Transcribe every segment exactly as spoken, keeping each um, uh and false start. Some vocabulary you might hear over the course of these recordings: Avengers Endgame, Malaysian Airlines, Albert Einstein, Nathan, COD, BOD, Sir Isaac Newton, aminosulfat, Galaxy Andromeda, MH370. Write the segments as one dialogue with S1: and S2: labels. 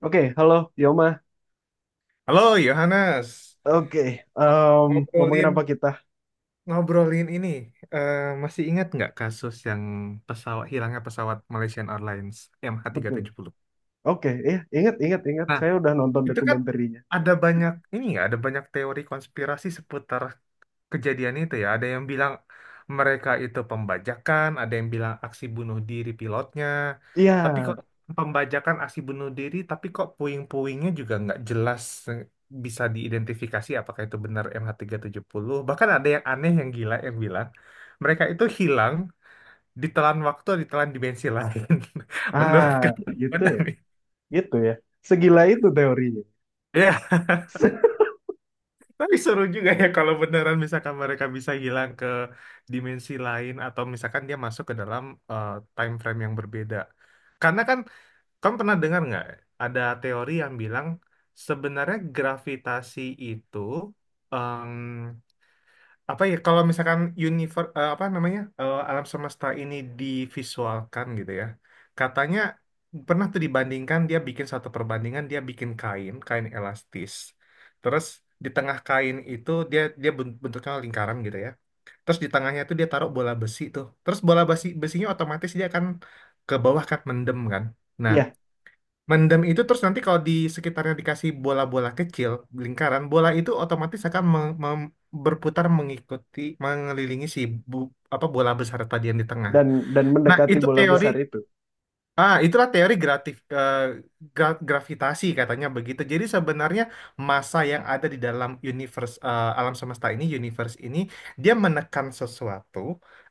S1: Oke, halo Yoma.
S2: Halo Yohanes,
S1: Oke, em, ngomongin
S2: ngobrolin
S1: apa kita?
S2: ngobrolin ini eh, masih ingat nggak kasus yang pesawat hilangnya pesawat Malaysian Airlines
S1: Betul.
S2: M H tiga tujuh nol?
S1: Oke, iya, ingat, ingat, ingat.
S2: Nah,
S1: Saya udah nonton
S2: itu kan
S1: dokumenterinya.
S2: ada banyak ini ya, ada banyak teori konspirasi seputar kejadian itu ya. Ada yang bilang mereka itu pembajakan, ada yang bilang aksi bunuh diri pilotnya.
S1: Iya,
S2: Tapi kok pembajakan aksi bunuh diri, tapi kok puing-puingnya juga nggak jelas eh, bisa diidentifikasi apakah itu benar M H tiga tujuh nol. Bahkan ada yang aneh yang gila yang bilang mereka itu hilang ditelan waktu, ditelan dimensi lain.
S1: ah,
S2: Menurut kamu
S1: gitu
S2: gimana
S1: ya,
S2: nih?
S1: gitu ya. Segila itu teorinya.
S2: Iya, tapi seru juga ya kalau beneran misalkan mereka bisa hilang ke dimensi lain atau misalkan dia masuk ke dalam eh, time frame yang berbeda. Karena kan kamu pernah dengar nggak ada teori yang bilang sebenarnya gravitasi itu apa ya kalau misalkan universe apa namanya eh, alam semesta ini divisualkan gitu ya, katanya pernah tuh dibandingkan, dia bikin satu perbandingan, dia bikin kain kain elastis, terus di tengah kain itu dia dia bent- bentuknya lingkaran gitu ya, terus di tengahnya tuh dia taruh bola besi tuh, terus bola besi besinya otomatis dia akan ke bawah kan, mendem kan. Nah,
S1: Iya,
S2: mendem itu, terus nanti kalau di sekitarnya dikasih bola-bola kecil, lingkaran, bola itu otomatis akan meng- mem- berputar mengikuti, mengelilingi si bu- apa, bola besar tadi yang di tengah.
S1: dan dan
S2: Nah,
S1: mendekati
S2: itu
S1: bola
S2: teori,
S1: besar itu.
S2: ah, itulah teori gratif, eh, gra- gravitasi katanya begitu. Jadi sebenarnya massa yang ada di dalam universe, eh, alam semesta ini, universe ini, dia menekan sesuatu,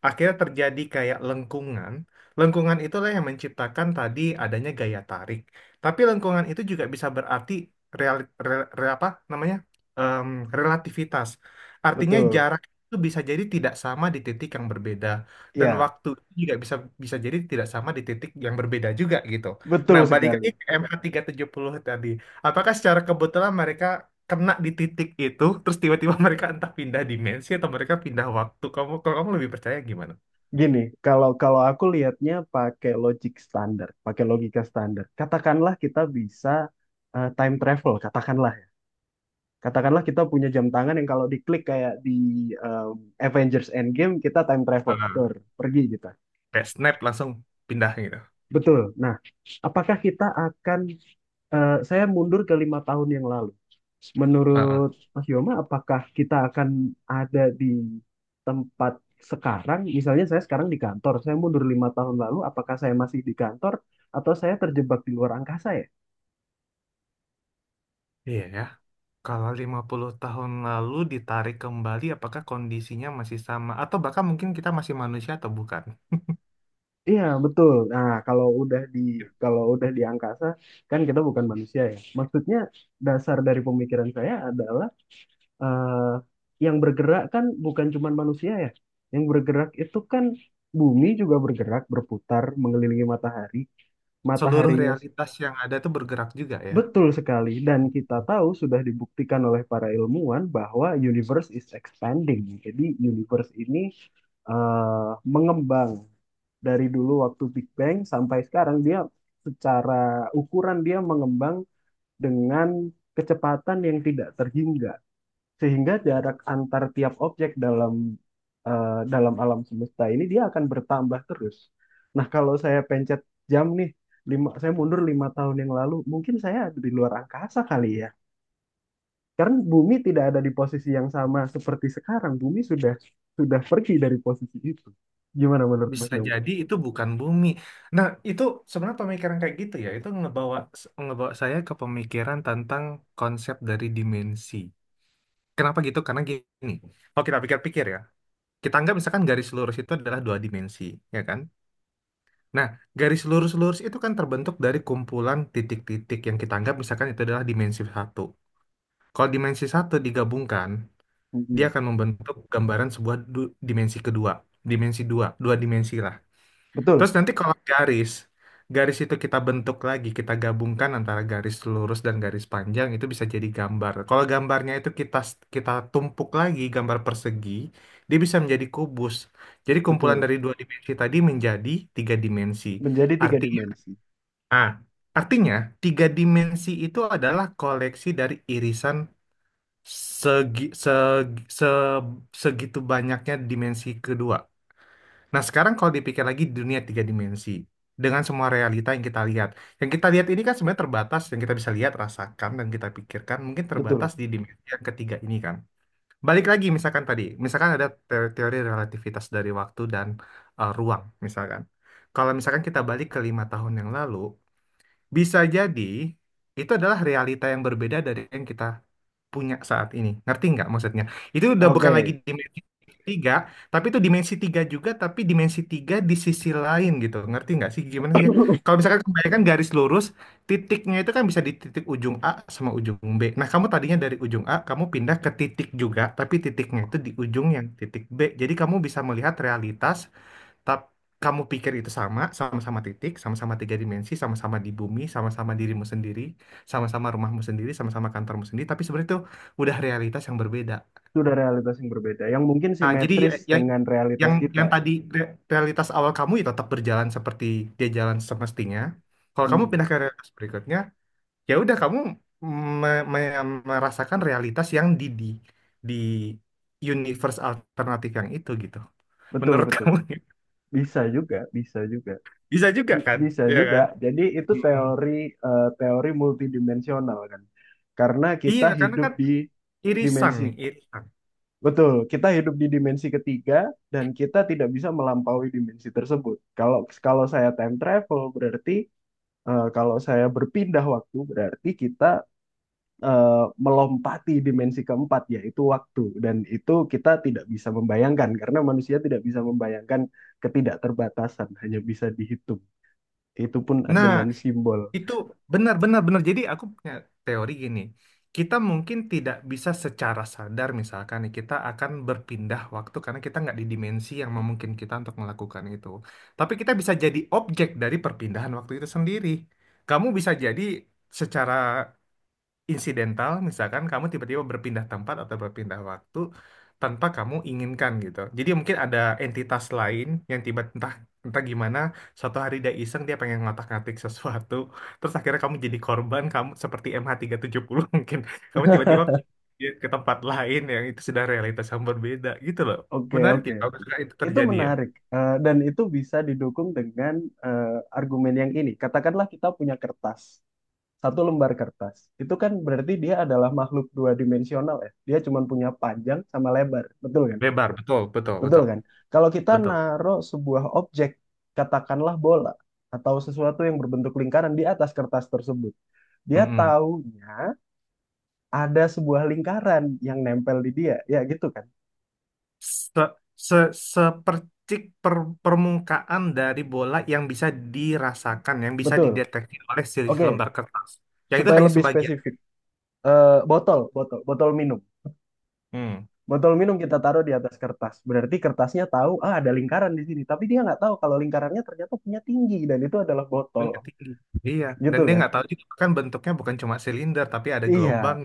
S2: akhirnya terjadi kayak lengkungan. Lengkungan itulah yang menciptakan tadi adanya gaya tarik. Tapi lengkungan itu juga bisa berarti real, re- re- apa namanya? Em, Relativitas. Artinya
S1: Betul.
S2: jarak itu bisa jadi tidak sama di titik yang berbeda, dan
S1: Ya,
S2: waktu juga bisa bisa jadi tidak sama di titik yang berbeda juga gitu. Nah,
S1: betul
S2: balik lagi
S1: sekali.
S2: ke M H tiga tujuh nol tadi. Apakah secara kebetulan mereka kena di titik itu, terus tiba-tiba mereka entah pindah dimensi atau mereka pindah waktu? Kamu, kalau kamu lebih percaya gimana?
S1: Gini, kalau kalau aku lihatnya pakai logik standar, pakai logika standar. Katakanlah kita bisa eh, time travel, katakanlah. Katakanlah kita punya jam tangan yang kalau diklik kayak di um, Avengers Endgame kita time travel,
S2: Ah,
S1: tur, pergi kita.
S2: kayak snap langsung pindah gitu.
S1: Betul. Nah, apakah kita akan eh, saya mundur ke lima tahun yang lalu.
S2: Ah, ah.
S1: Menurut Mas Yoma, apakah kita akan ada di tempat sekarang? Misalnya saya sekarang di kantor, saya mundur lima tahun lalu, apakah saya masih di kantor atau saya terjebak di luar angkasa ya?
S2: Iya ya. Kalau lima puluh tahun lalu ditarik kembali, apakah kondisinya masih sama? Atau bahkan mungkin kita masih manusia atau bukan?
S1: Iya betul. Nah kalau udah di kalau udah di angkasa kan kita bukan manusia ya. Maksudnya dasar dari pemikiran saya adalah eh, yang bergerak kan bukan cuma manusia ya. Yang bergerak itu kan bumi juga bergerak berputar mengelilingi matahari.
S2: Seluruh
S1: Mataharinya s-
S2: realitas yang ada itu bergerak juga ya.
S1: Betul sekali dan kita tahu sudah dibuktikan oleh para ilmuwan bahwa universe is expanding. Jadi universe ini eh, mengembang dari dulu waktu Big Bang sampai sekarang dia secara ukuran dia mengembang dengan kecepatan yang tidak terhingga sehingga jarak antar tiap objek dalam eh, dalam alam semesta ini dia akan bertambah terus. Nah, kalau saya pencet jam nih, lima, saya mundur lima tahun yang lalu, mungkin saya ada di luar angkasa kali ya. Karena bumi tidak ada di posisi yang sama seperti sekarang. Bumi sudah sudah pergi dari posisi itu. Gimana menurut Mas
S2: Bisa
S1: Yoma?
S2: jadi itu bukan bumi. Nah, itu sebenarnya pemikiran kayak gitu ya, itu ngebawa ngebawa saya ke pemikiran tentang konsep dari dimensi. Kenapa gitu? Karena gini, kalau kita pikir-pikir ya, kita anggap misalkan garis lurus itu adalah dua dimensi, ya kan? Nah, garis lurus-lurus itu kan terbentuk dari kumpulan titik-titik yang kita anggap misalkan itu adalah dimensi satu. Kalau dimensi satu digabungkan, dia
S1: Mm-mm.
S2: akan membentuk gambaran sebuah du- dimensi kedua, dimensi dua, dua dimensi lah. Terus
S1: Betul,
S2: nanti kalau garis, garis itu kita bentuk lagi, kita gabungkan antara garis lurus dan garis panjang, itu bisa jadi gambar. Kalau gambarnya itu kita kita tumpuk lagi gambar persegi, dia bisa menjadi kubus. Jadi kumpulan
S1: betul.
S2: dari dua dimensi tadi menjadi tiga dimensi.
S1: Menjadi tiga
S2: Artinya,
S1: dimensi.
S2: ah, artinya tiga dimensi itu adalah koleksi dari irisan segi, seg- se- segitu banyaknya dimensi kedua. Nah, sekarang kalau dipikir lagi di dunia tiga dimensi, dengan semua realita yang kita lihat, yang kita lihat ini kan sebenarnya terbatas, yang kita bisa lihat, rasakan, dan kita pikirkan mungkin terbatas
S1: Betul.
S2: di dimensi yang ketiga ini kan. Balik lagi misalkan tadi, misalkan ada te- teori relativitas dari waktu dan eh, ruang, misalkan. Kalau misalkan kita balik ke lima tahun yang lalu, bisa jadi itu adalah realita yang berbeda dari yang kita punya saat ini. Ngerti nggak maksudnya? Itu udah bukan lagi
S1: Oke,
S2: dimensi tiga, tapi itu dimensi tiga juga, tapi dimensi tiga di sisi lain gitu. Ngerti nggak sih gimana sih ya? Kalau misalkan kebanyakan garis lurus, titiknya itu kan bisa di titik ujung A sama ujung B. Nah, kamu tadinya dari ujung A, kamu pindah ke titik juga, tapi titiknya itu di ujung yang titik B. Jadi kamu bisa melihat realitas. Tap, kamu pikir itu sama, sama-sama titik, sama-sama tiga dimensi, sama-sama di bumi, sama-sama dirimu sendiri, sama-sama rumahmu sendiri, sama-sama kantormu sendiri, tapi sebenarnya itu udah realitas yang berbeda.
S1: sudah realitas yang berbeda. Yang mungkin
S2: Ah, jadi
S1: simetris
S2: ya- yang
S1: dengan realitas
S2: yang
S1: kita.
S2: yang tadi re- realitas awal kamu ya tetap berjalan seperti dia jalan semestinya. Kalau kamu
S1: Hmm,
S2: pindah ke realitas berikutnya, ya udah kamu me- me- merasakan realitas yang di di di universe alternatif yang itu gitu.
S1: betul,
S2: Menurut
S1: betul.
S2: kamu,
S1: Bisa juga, bisa juga.
S2: bisa juga
S1: Bi-
S2: kan?
S1: Bisa
S2: Iya
S1: juga.
S2: kan?
S1: Jadi itu
S2: Hmm.
S1: teori eh, teori multidimensional kan. Karena
S2: Iya,
S1: kita
S2: karena
S1: hidup
S2: kan
S1: di
S2: irisan
S1: dimensi.
S2: nih, irisan.
S1: Betul, kita hidup di dimensi ketiga dan kita tidak bisa melampaui dimensi tersebut. Kalau kalau saya time travel berarti eh, kalau saya berpindah waktu berarti kita eh, melompati dimensi keempat yaitu waktu dan itu kita tidak bisa membayangkan karena manusia tidak bisa membayangkan ketidakterbatasan hanya bisa dihitung itu pun
S2: Nah,
S1: dengan simbol.
S2: itu benar-benar benar. Jadi aku punya teori gini. Kita mungkin tidak bisa secara sadar misalkan nih, kita akan berpindah waktu karena kita nggak di dimensi yang memungkinkan kita untuk melakukan itu. Tapi kita bisa jadi objek dari perpindahan waktu itu sendiri. Kamu bisa jadi secara insidental misalkan kamu tiba-tiba berpindah tempat atau berpindah waktu tanpa kamu inginkan gitu. Jadi mungkin ada entitas lain yang tiba entah entah gimana, suatu hari dia iseng, dia pengen ngotak-ngatik sesuatu, terus akhirnya kamu jadi korban, kamu seperti M H tiga tujuh nol mungkin. Kamu tiba-tiba pindah ke tempat lain yang itu sudah realitas yang berbeda gitu loh.
S1: Oke,
S2: Menarik
S1: oke.
S2: ya kalau misalkan itu
S1: Itu
S2: terjadi ya.
S1: menarik. Eh, dan itu bisa didukung dengan eh, argumen yang ini. Katakanlah kita punya kertas, satu lembar kertas. Itu kan berarti dia adalah makhluk dua dimensional ya. Dia cuma punya panjang sama lebar, betul kan?
S2: Lebar, betul, betul,
S1: Betul
S2: betul,
S1: kan? Kalau kita
S2: betul.
S1: naruh sebuah objek, katakanlah bola atau sesuatu yang berbentuk lingkaran di atas kertas tersebut, dia
S2: Mm-mm.
S1: taunya ada sebuah lingkaran yang nempel di dia, ya gitu kan?
S2: se, se, Sepercik per- permukaan dari bola yang bisa dirasakan, yang bisa
S1: Betul.
S2: dideteksi oleh si
S1: Oke,
S2: lembar kertas. Yang itu
S1: supaya
S2: hanya
S1: lebih
S2: sebagian.
S1: spesifik, eh, botol, botol, botol minum.
S2: Hmm.
S1: Botol minum kita taruh di atas kertas. Berarti kertasnya tahu, ah ada lingkaran di sini. Tapi dia nggak tahu kalau lingkarannya ternyata punya tinggi dan itu adalah botol.
S2: Punya tinggi. Iya, dan
S1: Gitu
S2: dia
S1: kan?
S2: nggak tahu juga kan bentuknya bukan cuma silinder tapi ada
S1: Iya,
S2: gelombang.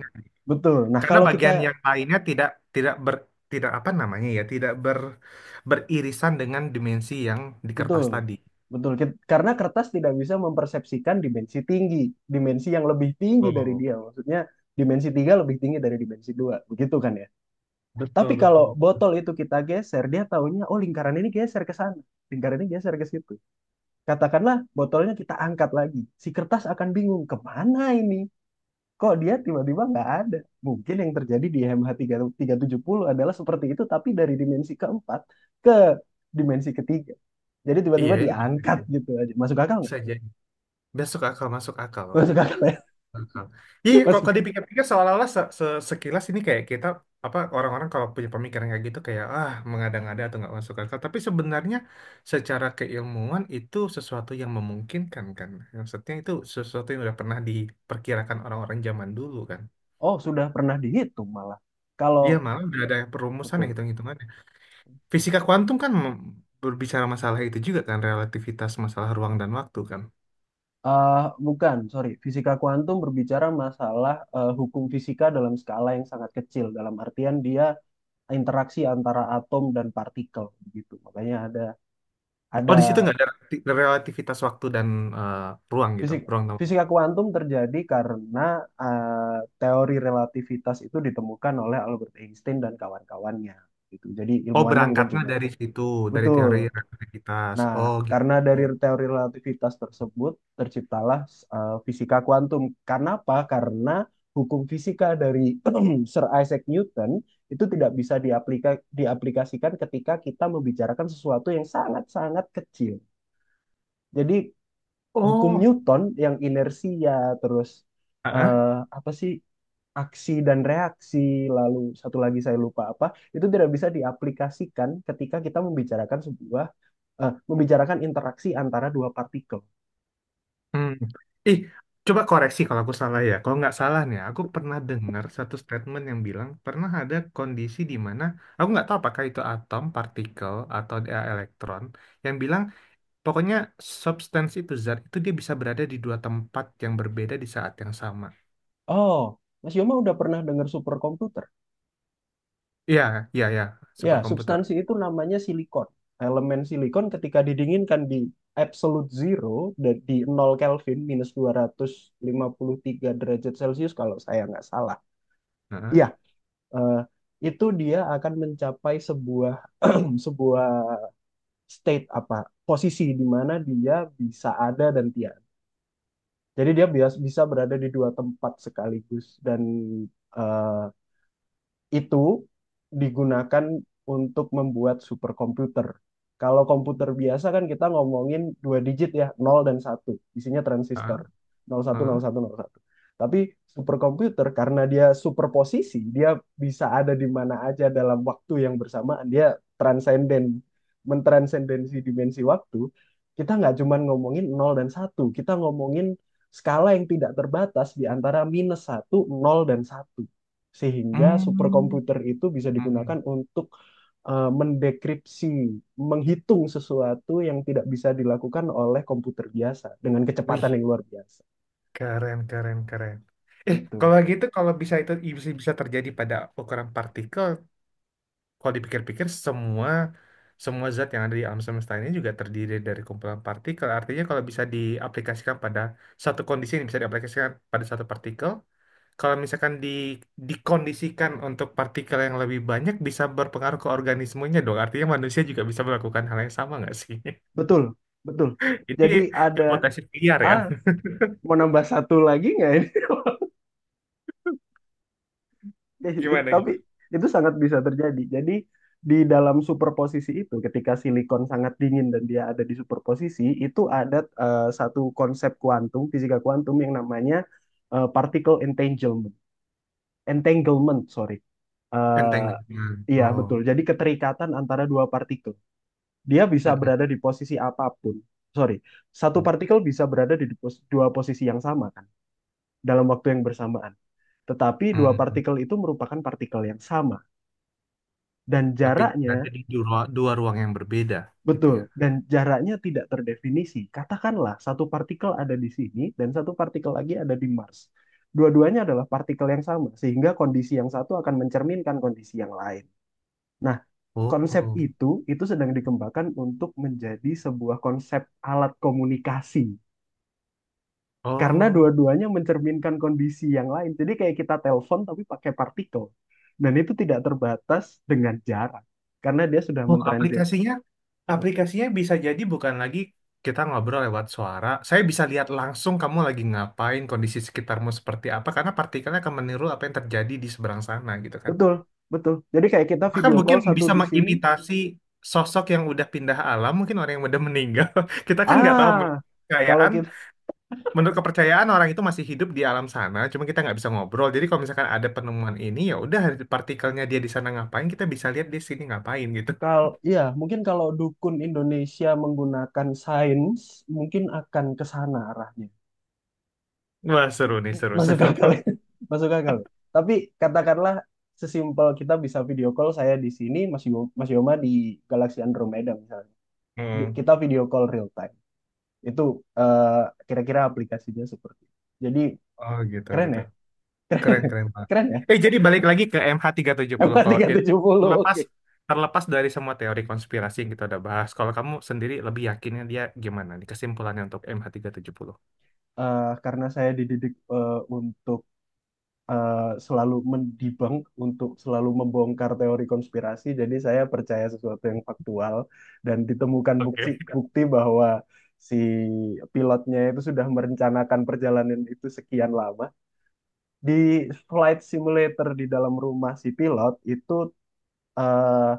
S1: betul. Nah,
S2: Karena
S1: kalau kita.
S2: bagian yang lainnya tidak tidak ber tidak apa namanya ya, tidak ber beririsan dengan dimensi yang di
S1: Betul,
S2: kertas tadi.
S1: betul. Kit- Karena kertas tidak bisa mempersepsikan dimensi tinggi, dimensi yang lebih tinggi dari
S2: Oh,
S1: dia. Maksudnya dimensi tiga lebih tinggi dari dimensi dua, begitu kan ya? Tapi
S2: betul
S1: kalau
S2: betul.
S1: botol itu kita geser, dia taunya, oh lingkaran ini geser ke sana, lingkaran ini geser ke situ. Katakanlah botolnya kita angkat lagi, si kertas akan bingung kemana ini? Kok dia tiba-tiba nggak ada? Mungkin yang terjadi di MH puluh adalah seperti itu, tapi dari dimensi keempat ke dimensi ketiga. Jadi
S2: Iya,
S1: tiba-tiba
S2: ya, bisa
S1: diangkat
S2: jadi.
S1: gitu aja. Masuk akal nggak?
S2: Bisa jadi. Besok akal masuk akal.
S1: Masuk akal ya?
S2: Heeh. Iya, kok
S1: Masuk.
S2: kalau dipikir-pikir seolah-olah se- se- sekilas ini kayak kita apa, orang-orang kalau punya pemikiran kayak gitu kayak ah mengada-ngada atau nggak masuk akal. Tapi sebenarnya secara keilmuan itu sesuatu yang memungkinkan kan. Maksudnya itu sesuatu yang udah pernah diperkirakan orang-orang zaman dulu kan.
S1: Oh, sudah pernah dihitung malah.
S2: Iya,
S1: Kalau
S2: malah udah ada perumusan ya,
S1: betul.
S2: hitung-hitungannya. Fisika kuantum kan mem- berbicara masalah itu juga kan, relativitas masalah ruang dan waktu kan.
S1: Eh bukan, sorry. Fisika kuantum berbicara masalah eh, hukum fisika dalam skala yang sangat kecil. Dalam artian dia interaksi antara atom dan partikel begitu. Makanya ada
S2: Oh,
S1: ada
S2: di situ nggak ada relati- relativitas waktu dan eh, ruang gitu,
S1: fisik
S2: ruang.
S1: fisika kuantum terjadi karena eh, teori relativitas itu ditemukan oleh Albert Einstein dan kawan-kawannya gitu. Jadi
S2: Oh,
S1: ilmuannya bukan
S2: berangkatnya
S1: cuma
S2: dari situ, dari
S1: betul.
S2: teori relativitas.
S1: Nah,
S2: Oh,
S1: karena
S2: gitu.
S1: dari teori relativitas tersebut terciptalah eh, fisika kuantum. Kenapa? Karena hukum fisika dari Sir Isaac Newton itu tidak bisa diaplika, diaplikasikan ketika kita membicarakan sesuatu yang sangat-sangat kecil. Jadi hukum
S2: Oh,
S1: Newton yang inersia terus
S2: ah,
S1: eh, apa sih aksi dan reaksi lalu satu lagi saya lupa apa itu tidak bisa diaplikasikan ketika kita membicarakan sebuah eh, membicarakan interaksi antara dua partikel.
S2: hmm. Ih, coba koreksi kalau aku salah ya. Kalau nggak salah nih, aku pernah dengar satu statement yang bilang pernah ada kondisi di mana aku nggak tahu apakah itu atom, partikel, atau dia elektron, yang bilang pokoknya substansi itu, zat itu, dia bisa berada di dua tempat yang berbeda di saat yang sama.
S1: Oh, Mas Yoma udah pernah dengar superkomputer?
S2: Iya, iya, iya,
S1: Ya,
S2: superkomputer.
S1: substansi itu namanya silikon. Elemen silikon ketika didinginkan di absolute zero, dan di nol Kelvin, minus dua ratus lima puluh tiga derajat Celcius kalau saya nggak salah.
S2: Heeh,
S1: Ya, eh, itu dia akan mencapai sebuah sebuah state apa posisi di mana dia bisa ada dan tiada. Jadi dia bias- bisa berada di dua tempat sekaligus dan eh, itu digunakan untuk membuat superkomputer. Kalau komputer biasa kan kita ngomongin dua digit ya, nol dan satu. Isinya
S2: heeh,
S1: transistor. Nol nol satu
S2: heeh.
S1: nol satu nol satu. Tapi superkomputer karena dia superposisi, dia bisa ada di mana aja dalam waktu yang bersamaan. Dia transenden, mentransendensi dimensi waktu. Kita nggak cuma ngomongin nol dan satu. Kita ngomongin skala yang tidak terbatas di antara minus satu nol dan satu sehingga
S2: Hmm.
S1: superkomputer itu bisa
S2: hmm. hmm.
S1: digunakan untuk eh, mendekripsi, menghitung sesuatu yang tidak bisa dilakukan oleh komputer biasa dengan kecepatan
S2: Wih,
S1: yang luar biasa.
S2: Keren, keren, keren. Eh,
S1: Gitu.
S2: kalau gitu, kalau bisa itu bisa, bisa terjadi pada ukuran partikel, kalau dipikir-pikir semua semua zat yang ada di alam semesta ini juga terdiri dari kumpulan partikel. Artinya kalau bisa diaplikasikan pada satu kondisi, ini bisa diaplikasikan pada satu partikel, kalau misalkan di dikondisikan untuk partikel yang lebih banyak, bisa berpengaruh ke organismenya dong. Artinya manusia juga bisa melakukan hal yang sama nggak sih?
S1: Betul, betul.
S2: Ini
S1: Jadi ada,
S2: hipotesis liar ya.
S1: ah, mau nambah satu lagi nggak ini?
S2: Gimana
S1: Tapi
S2: gitu?
S1: itu sangat bisa terjadi. Jadi di dalam superposisi itu, ketika silikon sangat dingin dan dia ada di superposisi, itu ada eh, satu konsep kuantum, fisika kuantum yang namanya eh, particle entanglement. Entanglement, sorry.
S2: Enteng.
S1: Eh, iya, betul.
S2: Oh.
S1: Jadi keterikatan antara dua partikel. Dia bisa
S2: Mm-mm.
S1: berada di posisi apapun. Sorry, satu partikel bisa berada di pos- dua posisi yang sama kan, dalam waktu yang bersamaan. Tetapi dua
S2: Hmm,
S1: partikel itu merupakan partikel yang sama. Dan
S2: tapi
S1: jaraknya,
S2: berarti di dua, ru- dua ruang yang berbeda gitu
S1: betul,
S2: ya.
S1: dan jaraknya tidak terdefinisi. Katakanlah satu partikel ada di sini dan satu partikel lagi ada di Mars. Dua-duanya adalah partikel yang sama, sehingga kondisi yang satu akan mencerminkan kondisi yang lain. Nah,
S2: Oh,
S1: konsep
S2: oh,
S1: itu itu sedang dikembangkan untuk menjadi sebuah konsep alat komunikasi karena
S2: oh,
S1: dua-duanya mencerminkan kondisi yang lain. Jadi kayak kita telepon tapi pakai partikel dan itu tidak terbatas dengan jarak karena dia sudah
S2: Oh,
S1: mentransit.
S2: aplikasinya, aplikasinya bisa jadi bukan lagi kita ngobrol lewat suara. Saya bisa lihat langsung kamu lagi ngapain, kondisi sekitarmu seperti apa, karena partikelnya akan meniru apa yang terjadi di seberang sana gitu kan.
S1: Betul, betul. Jadi kayak kita
S2: Maka
S1: video
S2: mungkin
S1: call satu
S2: bisa
S1: di sini.
S2: mengimitasi sosok yang udah pindah alam, mungkin orang yang udah meninggal. Kita kan nggak tahu
S1: Ah, kalau
S2: kekayaan
S1: kita
S2: menurut kepercayaan orang itu masih hidup di alam sana, cuma kita nggak bisa ngobrol. Jadi kalau misalkan ada penemuan ini, ya udah partikelnya dia di sana ngapain, kita bisa lihat di sini ngapain gitu.
S1: kalau ya mungkin kalau dukun Indonesia menggunakan sains mungkin akan ke sana arahnya.
S2: Wah seru nih, seru
S1: Masuk
S2: seru.
S1: akal ya. Masuk akal tapi katakanlah sesimpel kita bisa video call saya di sini Mas Yo, Mas Yoma di Galaxy Andromeda misalnya. Di-
S2: Hmm.
S1: kita video call real time itu eh, kira-kira aplikasinya seperti itu. Jadi
S2: Oh gitu
S1: keren
S2: gitu,
S1: ya
S2: keren keren banget.
S1: keren ya.
S2: Eh, jadi balik lagi ke M H tiga tujuh nol kalau jadi,
S1: M tiga tujuh nol
S2: terlepas
S1: oke.
S2: terlepas dari semua teori konspirasi yang kita udah bahas, kalau kamu sendiri lebih yakinnya dia gimana nih kesimpulannya untuk M H tiga tujuh nol?
S1: Eh, karena saya dididik eh, untuk eh, selalu mendebunk untuk selalu membongkar teori konspirasi. Jadi saya percaya sesuatu yang faktual dan ditemukan
S2: Oke.
S1: bukti bukti bahwa si pilotnya itu sudah merencanakan perjalanan itu sekian lama. Di flight simulator di dalam rumah si pilot itu eh,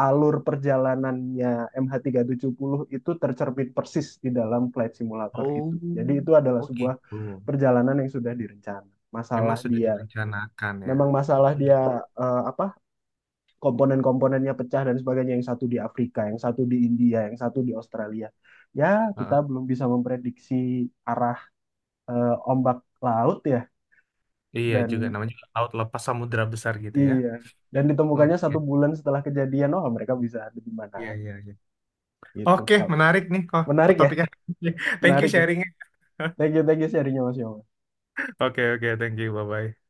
S1: alur perjalanannya M H tiga tujuh nol itu tercermin persis di dalam flight simulator itu.
S2: Oh,
S1: Jadi itu adalah
S2: oh
S1: sebuah
S2: gitu.
S1: perjalanan yang sudah direncana.
S2: Memang
S1: Masalah
S2: sudah
S1: dia
S2: direncanakan ya.
S1: memang masalah dia eh, apa komponen-komponennya pecah dan sebagainya, yang satu di Afrika yang satu di India yang satu di Australia, ya kita
S2: Heeh.
S1: belum bisa memprediksi arah eh, ombak laut ya.
S2: Iya, juga
S1: Dan
S2: namanya juga laut lepas samudra besar gitu ya.
S1: iya, dan ditemukannya satu
S2: Oke.
S1: bulan setelah kejadian, oh mereka bisa ada di mana
S2: Iya, iya, iya.
S1: gitu.
S2: Oke, menarik nih kok
S1: Menarik ya
S2: topiknya. Thank you
S1: menarik ya.
S2: sharingnya.
S1: Thank you thank you sharingnya Mas Yoma.
S2: Oke oke, thank you. Bye bye.